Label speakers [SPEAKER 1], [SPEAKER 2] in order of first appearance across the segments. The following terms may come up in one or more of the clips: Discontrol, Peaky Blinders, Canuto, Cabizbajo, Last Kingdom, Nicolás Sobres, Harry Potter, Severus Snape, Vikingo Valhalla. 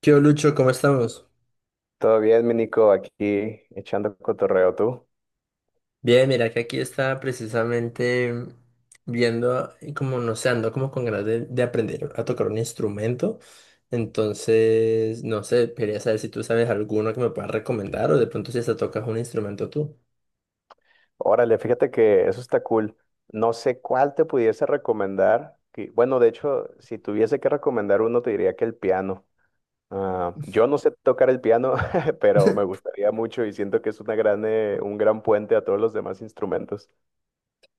[SPEAKER 1] ¿Qué hubo, Lucho? ¿Cómo estamos?
[SPEAKER 2] Todo bien, mi Nico, aquí echando cotorreo tú.
[SPEAKER 1] Bien, mira que aquí estaba precisamente viendo y como no sé, ando como con ganas de aprender a tocar un instrumento. Entonces, no sé, quería saber si tú sabes alguno que me puedas recomendar o de pronto si hasta tocas un instrumento tú.
[SPEAKER 2] Órale, fíjate que eso está cool. No sé cuál te pudiese recomendar. Bueno, de hecho, si tuviese que recomendar uno, te diría que el piano. Ah, yo no sé tocar el piano, pero me gustaría mucho y siento que es una gran, un gran puente a todos los demás instrumentos.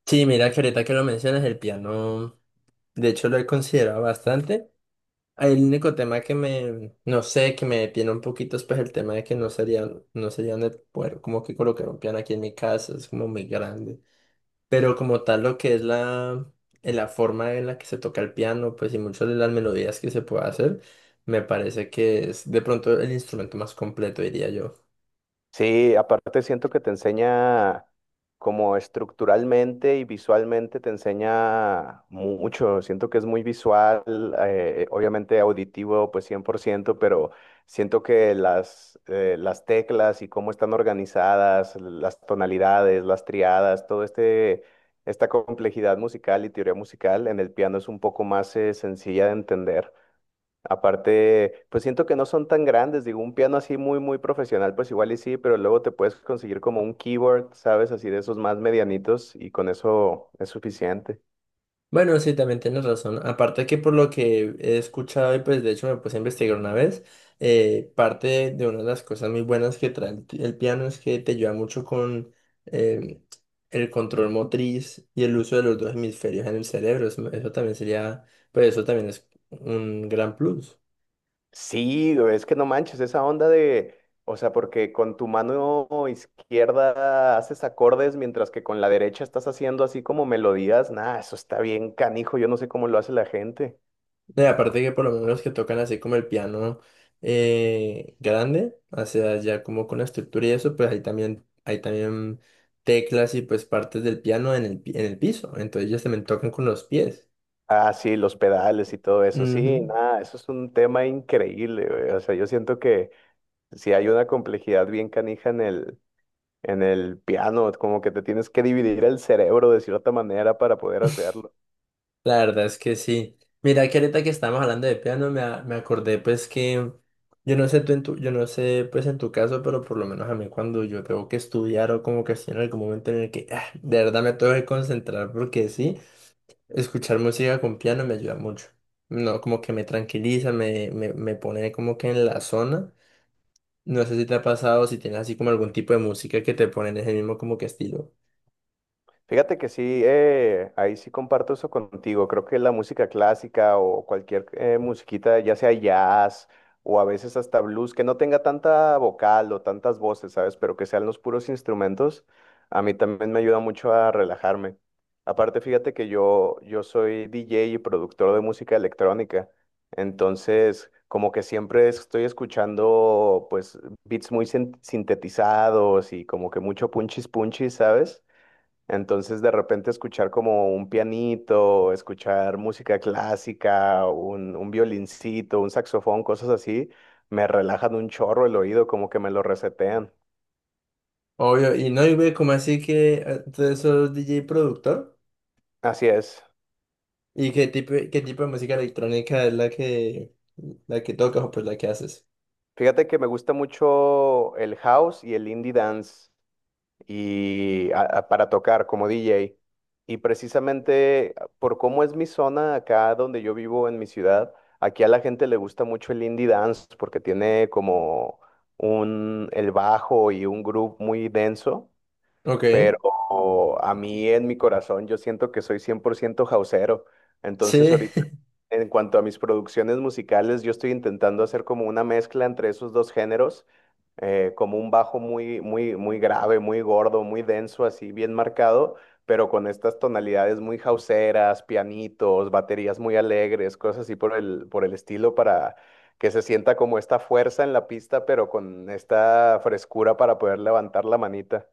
[SPEAKER 1] Sí, mira que ahorita que lo mencionas, el piano, de hecho lo he considerado bastante. El único tema que me, no sé, que me detiene un poquito es pues el tema de que no sería de poder como que colocar un piano aquí en mi casa, es como muy grande. Pero como tal, lo que es la, la forma en la que se toca el piano, pues y muchas de las melodías que se puede hacer, me parece que es de pronto el instrumento más completo, diría yo.
[SPEAKER 2] Sí, aparte siento que te enseña como estructuralmente y visualmente te enseña mucho. Siento que es muy visual, obviamente auditivo, pues 100%, pero siento que las teclas y cómo están organizadas, las tonalidades, las triadas, esta complejidad musical y teoría musical en el piano es un poco más, sencilla de entender. Aparte, pues siento que no son tan grandes, digo, un piano así muy, muy profesional, pues igual y sí, pero luego te puedes conseguir como un keyboard, ¿sabes? Así de esos más medianitos y con eso es suficiente.
[SPEAKER 1] Bueno, sí, también tienes razón. Aparte que por lo que he escuchado y pues de hecho me puse a investigar una vez, parte de una de las cosas muy buenas que trae el piano es que te ayuda mucho con em, el control motriz y el uso de los dos hemisferios en el cerebro. Eso también sería, pues eso también es un gran plus.
[SPEAKER 2] Sí, güey, es que no manches, esa onda de, o sea, porque con tu mano izquierda haces acordes mientras que con la derecha estás haciendo así como melodías, nada, eso está bien canijo, yo no sé cómo lo hace la gente.
[SPEAKER 1] No, y aparte que por lo menos los que tocan así como el piano grande, o sea, ya como con la estructura y eso, pues ahí también, hay también teclas y pues partes del piano en el, en el piso, entonces ellos también tocan con los pies.
[SPEAKER 2] Ah, sí, los pedales y todo eso, sí,
[SPEAKER 1] Ujú.
[SPEAKER 2] nada, eso es un tema increíble, güey, o sea, yo siento que... Sí, hay una complejidad bien canija en el piano, como que te tienes que dividir el cerebro de cierta manera para poder hacerlo.
[SPEAKER 1] La verdad es que sí. Mira que ahorita que estamos hablando de piano, me acordé pues que, yo no sé pues en tu caso, pero por lo menos a mí cuando yo tengo que estudiar o como que estoy en algún momento en el que de verdad me tengo que concentrar porque sí. Escuchar música con piano me ayuda mucho. No, como que me tranquiliza, me pone como que en la zona. No sé si te ha pasado, si tienes así como algún tipo de música que te pone en ese mismo como que estilo.
[SPEAKER 2] Fíjate que sí, ahí sí comparto eso contigo. Creo que la música clásica o cualquier musiquita, ya sea jazz o a veces hasta blues, que no tenga tanta vocal o tantas voces, ¿sabes? Pero que sean los puros instrumentos, a mí también me ayuda mucho a relajarme. Aparte, fíjate que yo soy DJ y productor de música electrónica, entonces como que siempre estoy escuchando pues beats muy sintetizados y como que mucho punchis punchis, ¿sabes? Entonces, de repente escuchar como un pianito, escuchar música clásica, un violincito, un saxofón, cosas así, me relajan un chorro el oído, como que me lo resetean.
[SPEAKER 1] Obvio, y no, y ve como así que tú sos DJ productor.
[SPEAKER 2] Así es.
[SPEAKER 1] ¿Y qué tipo de música electrónica es la que tocas o pues la que haces?
[SPEAKER 2] Fíjate que me gusta mucho el house y el indie dance. Y para tocar como DJ. Y precisamente ah, por cómo es mi zona acá donde yo vivo en mi ciudad, aquí a la gente le gusta mucho el indie dance porque tiene como un el bajo y un groove muy denso,
[SPEAKER 1] Ok,
[SPEAKER 2] pero a mí en mi corazón yo siento que soy 100% houseero. Entonces
[SPEAKER 1] sí.
[SPEAKER 2] ahorita en cuanto a mis producciones musicales, yo estoy intentando hacer como una mezcla entre esos dos géneros como un bajo muy, muy, muy grave, muy gordo, muy denso, así bien marcado, pero con estas tonalidades muy jauseras, pianitos, baterías muy alegres, cosas así por el estilo para que se sienta como esta fuerza en la pista, pero con esta frescura para poder levantar la manita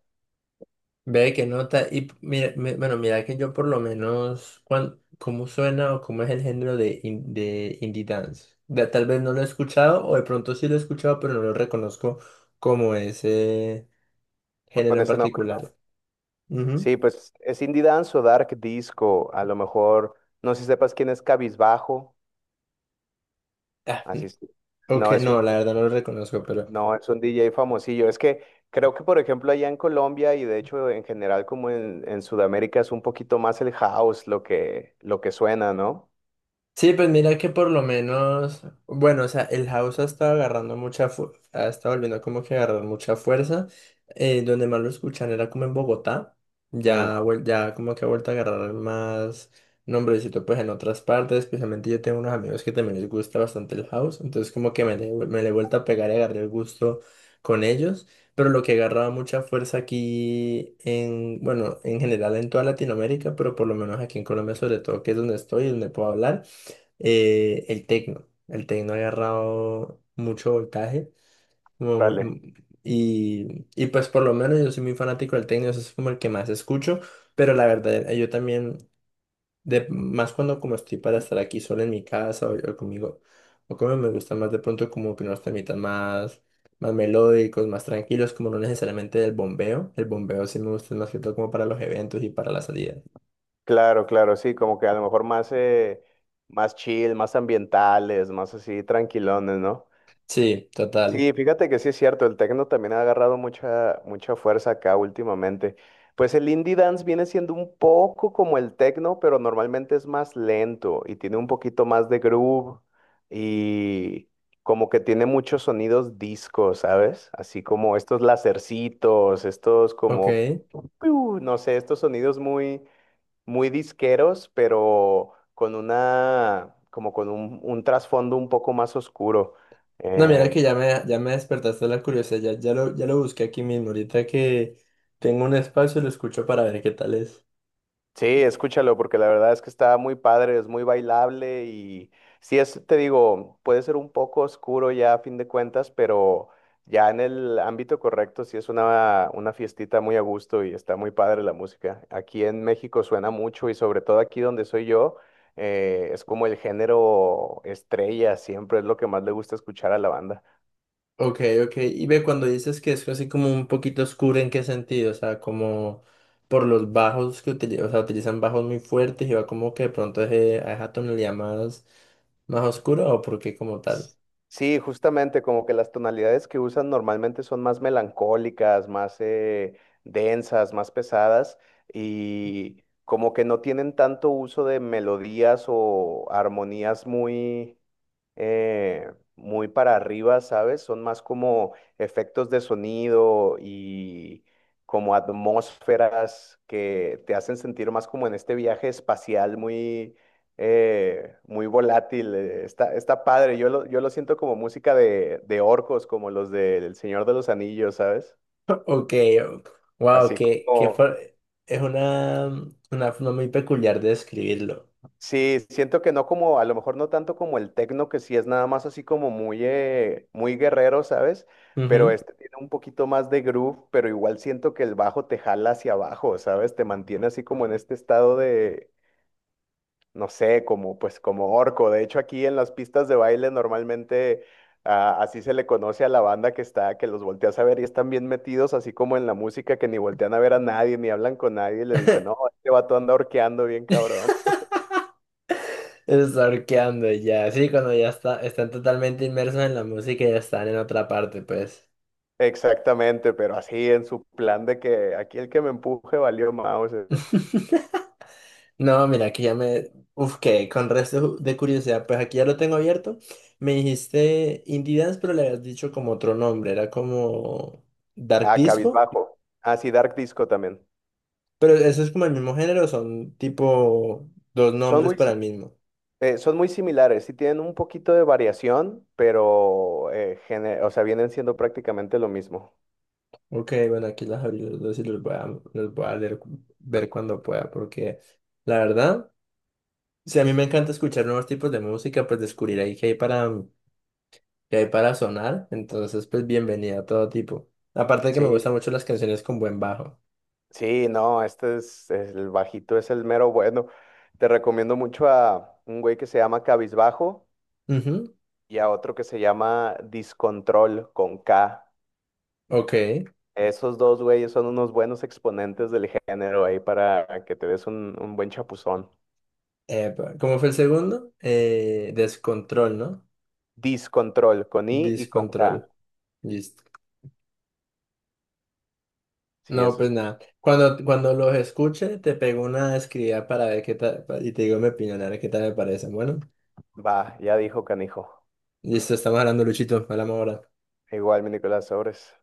[SPEAKER 1] Ve que nota. Mira, bueno, mira que yo por lo menos, ¿cómo suena o cómo es el género de, de indie dance? Tal vez no lo he escuchado o de pronto sí lo he escuchado, pero no lo reconozco como ese género
[SPEAKER 2] con
[SPEAKER 1] en
[SPEAKER 2] ese nombre, ¿no?
[SPEAKER 1] particular. Ujú.
[SPEAKER 2] Sí, pues es indie dance o dark disco, a lo mejor, no sé si sepas quién es Cabizbajo,
[SPEAKER 1] Ah,
[SPEAKER 2] así es.
[SPEAKER 1] ok,
[SPEAKER 2] No, es un
[SPEAKER 1] no, la verdad no lo reconozco.
[SPEAKER 2] No, es un DJ famosillo. Es que creo que, por ejemplo, allá en Colombia y de hecho en general como en Sudamérica es un poquito más el house lo que suena, ¿no?
[SPEAKER 1] Sí, pues mira que por lo menos, bueno, o sea, el house ha estado agarrando mucha, ha estado volviendo como que a agarrar mucha fuerza. Donde más lo escuchan era como en Bogotá.
[SPEAKER 2] Mm,
[SPEAKER 1] Ya, ya como que ha vuelto a agarrar más nombrecito pues en otras partes. Especialmente yo tengo unos amigos que también les gusta bastante el house. Entonces como que me le he vuelto a pegar y agarré el gusto con ellos. Pero lo que agarraba mucha fuerza aquí en, bueno, en general en toda Latinoamérica, pero por lo menos aquí en Colombia sobre todo, que es donde estoy, y donde puedo hablar el tecno. El tecno ha agarrado mucho voltaje. como
[SPEAKER 2] vale.
[SPEAKER 1] mu- y pues por lo menos yo soy muy fanático del tecno, eso es como el que más escucho. Pero la verdad, yo también, de, más cuando como estoy para estar aquí solo en mi casa o conmigo, o como me gusta más de pronto como que unos temitas más, más melódicos, más tranquilos, como no necesariamente del bombeo. El bombeo sí me gusta más que todo como para los eventos y para las salidas.
[SPEAKER 2] Claro, claro, sí, como que a lo mejor más, más chill, más ambientales, más así tranquilones, ¿no?
[SPEAKER 1] Sí, total.
[SPEAKER 2] Sí, fíjate que sí es cierto, el techno también ha agarrado mucha, mucha fuerza acá últimamente. Pues el indie dance viene siendo un poco como el techno, pero normalmente es más lento y tiene un poquito más de groove y como que tiene muchos sonidos disco, ¿sabes? Así como estos lacercitos, estos
[SPEAKER 1] Ok.
[SPEAKER 2] como, piu, no sé, estos sonidos muy, muy disqueros, pero con una, como con un trasfondo un poco más oscuro.
[SPEAKER 1] No, mira
[SPEAKER 2] Em,
[SPEAKER 1] que ya me despertaste la curiosidad, ya lo busqué aquí mismo, ahorita que tengo un espacio lo escucho para ver qué tal es.
[SPEAKER 2] Sí, escúchalo, porque la verdad es que está muy padre, es muy bailable y sí es, te digo, puede ser un poco oscuro ya a fin de cuentas, pero ya en el ámbito correcto sí es una fiestita muy a gusto y está muy padre la música. Aquí en México suena mucho y sobre todo aquí donde soy yo, es como el género estrella, siempre es lo que más le gusta escuchar a la banda.
[SPEAKER 1] Ok, ok, y ve cuando dices que es así como un poquito oscuro, ¿en qué sentido? O sea, como por los bajos que utilizan, o sea, utilizan bajos muy fuertes y va como que de pronto es, a esa tonalidad más, más oscura o por qué como tal.
[SPEAKER 2] Sí, justamente como que las tonalidades que usan normalmente son más melancólicas, más densas, más pesadas y como que no tienen tanto uso de melodías o armonías muy, eh, muy para arriba, ¿sabes? Son más como efectos de sonido y como atmósferas que te hacen sentir más como en este viaje espacial muy, muy volátil. Está, está padre. Yo lo siento como música de orcos, como los del Señor de los Anillos, ¿sabes?
[SPEAKER 1] Ok, wow,
[SPEAKER 2] Así como
[SPEAKER 1] es una forma muy peculiar de describirlo.
[SPEAKER 2] sí, siento que no como, a lo mejor no tanto como el tecno, que sí es nada más así como muy, muy guerrero, ¿sabes? Pero
[SPEAKER 1] Ujú.
[SPEAKER 2] este tiene un poquito más de groove, pero igual siento que el bajo te jala hacia abajo, ¿sabes? Te mantiene así como en este estado de, no sé, como pues como orco. De hecho, aquí en las pistas de baile normalmente ah, así se le conoce a la banda que está, que los volteas a ver y están bien metidos, así como en la música, que ni voltean a ver a nadie, ni hablan con nadie, y le dicen, no, este vato anda orqueando bien cabrón.
[SPEAKER 1] Es arqueando y ya. Sí, cuando ya está, están totalmente inmersos en la música y ya están en otra parte, pues.
[SPEAKER 2] Exactamente, pero así en su plan de que aquí el que me empuje valió Mauser.
[SPEAKER 1] No, mira, aquí ya me... Uf, que con resto de curiosidad, pues aquí ya lo tengo abierto. Me dijiste Indie Dance, pero le habías dicho como otro nombre, era como Dark
[SPEAKER 2] Ah,
[SPEAKER 1] Disco,
[SPEAKER 2] Cabizbajo. Ah, sí, Dark Disco también.
[SPEAKER 1] pero eso es como el mismo género, son tipo dos
[SPEAKER 2] Son
[SPEAKER 1] nombres
[SPEAKER 2] muy,
[SPEAKER 1] para el mismo.
[SPEAKER 2] son muy similares, sí tienen un poquito de variación, pero o sea, vienen siendo prácticamente lo mismo.
[SPEAKER 1] Ok, bueno, aquí las abrí los dos y los voy a leer, ver cuando pueda, porque la verdad... Sí, a mí me encanta escuchar nuevos tipos de música, pues descubrir ahí que hay para sonar. Entonces, pues bienvenida a todo tipo. Aparte de que me gustan
[SPEAKER 2] Sí,
[SPEAKER 1] mucho las canciones con buen bajo.
[SPEAKER 2] sí, no, este es el bajito, es el mero bueno. Te recomiendo mucho a un güey que se llama Cabizbajo
[SPEAKER 1] Ujú.
[SPEAKER 2] y a otro que se llama Discontrol con K.
[SPEAKER 1] Ok.
[SPEAKER 2] Esos dos güeyes son unos buenos exponentes del género ahí para que te des un buen chapuzón.
[SPEAKER 1] Epa, ¿cómo fue el segundo? ¿Descontrol, no?
[SPEAKER 2] Discontrol, con I y con K.
[SPEAKER 1] Descontrol. Listo.
[SPEAKER 2] Sí,
[SPEAKER 1] No,
[SPEAKER 2] eso
[SPEAKER 1] pues
[SPEAKER 2] es.
[SPEAKER 1] nada. Cuando, cuando los escuche, te pego una escribida para ver qué tal, y te digo mi opinión, a ver qué tal me parece. Bueno,
[SPEAKER 2] Va, ya dijo canijo.
[SPEAKER 1] listo, estamos hablando, Luchito. Hablamos ahora.
[SPEAKER 2] Igual mi Nicolás Sobres.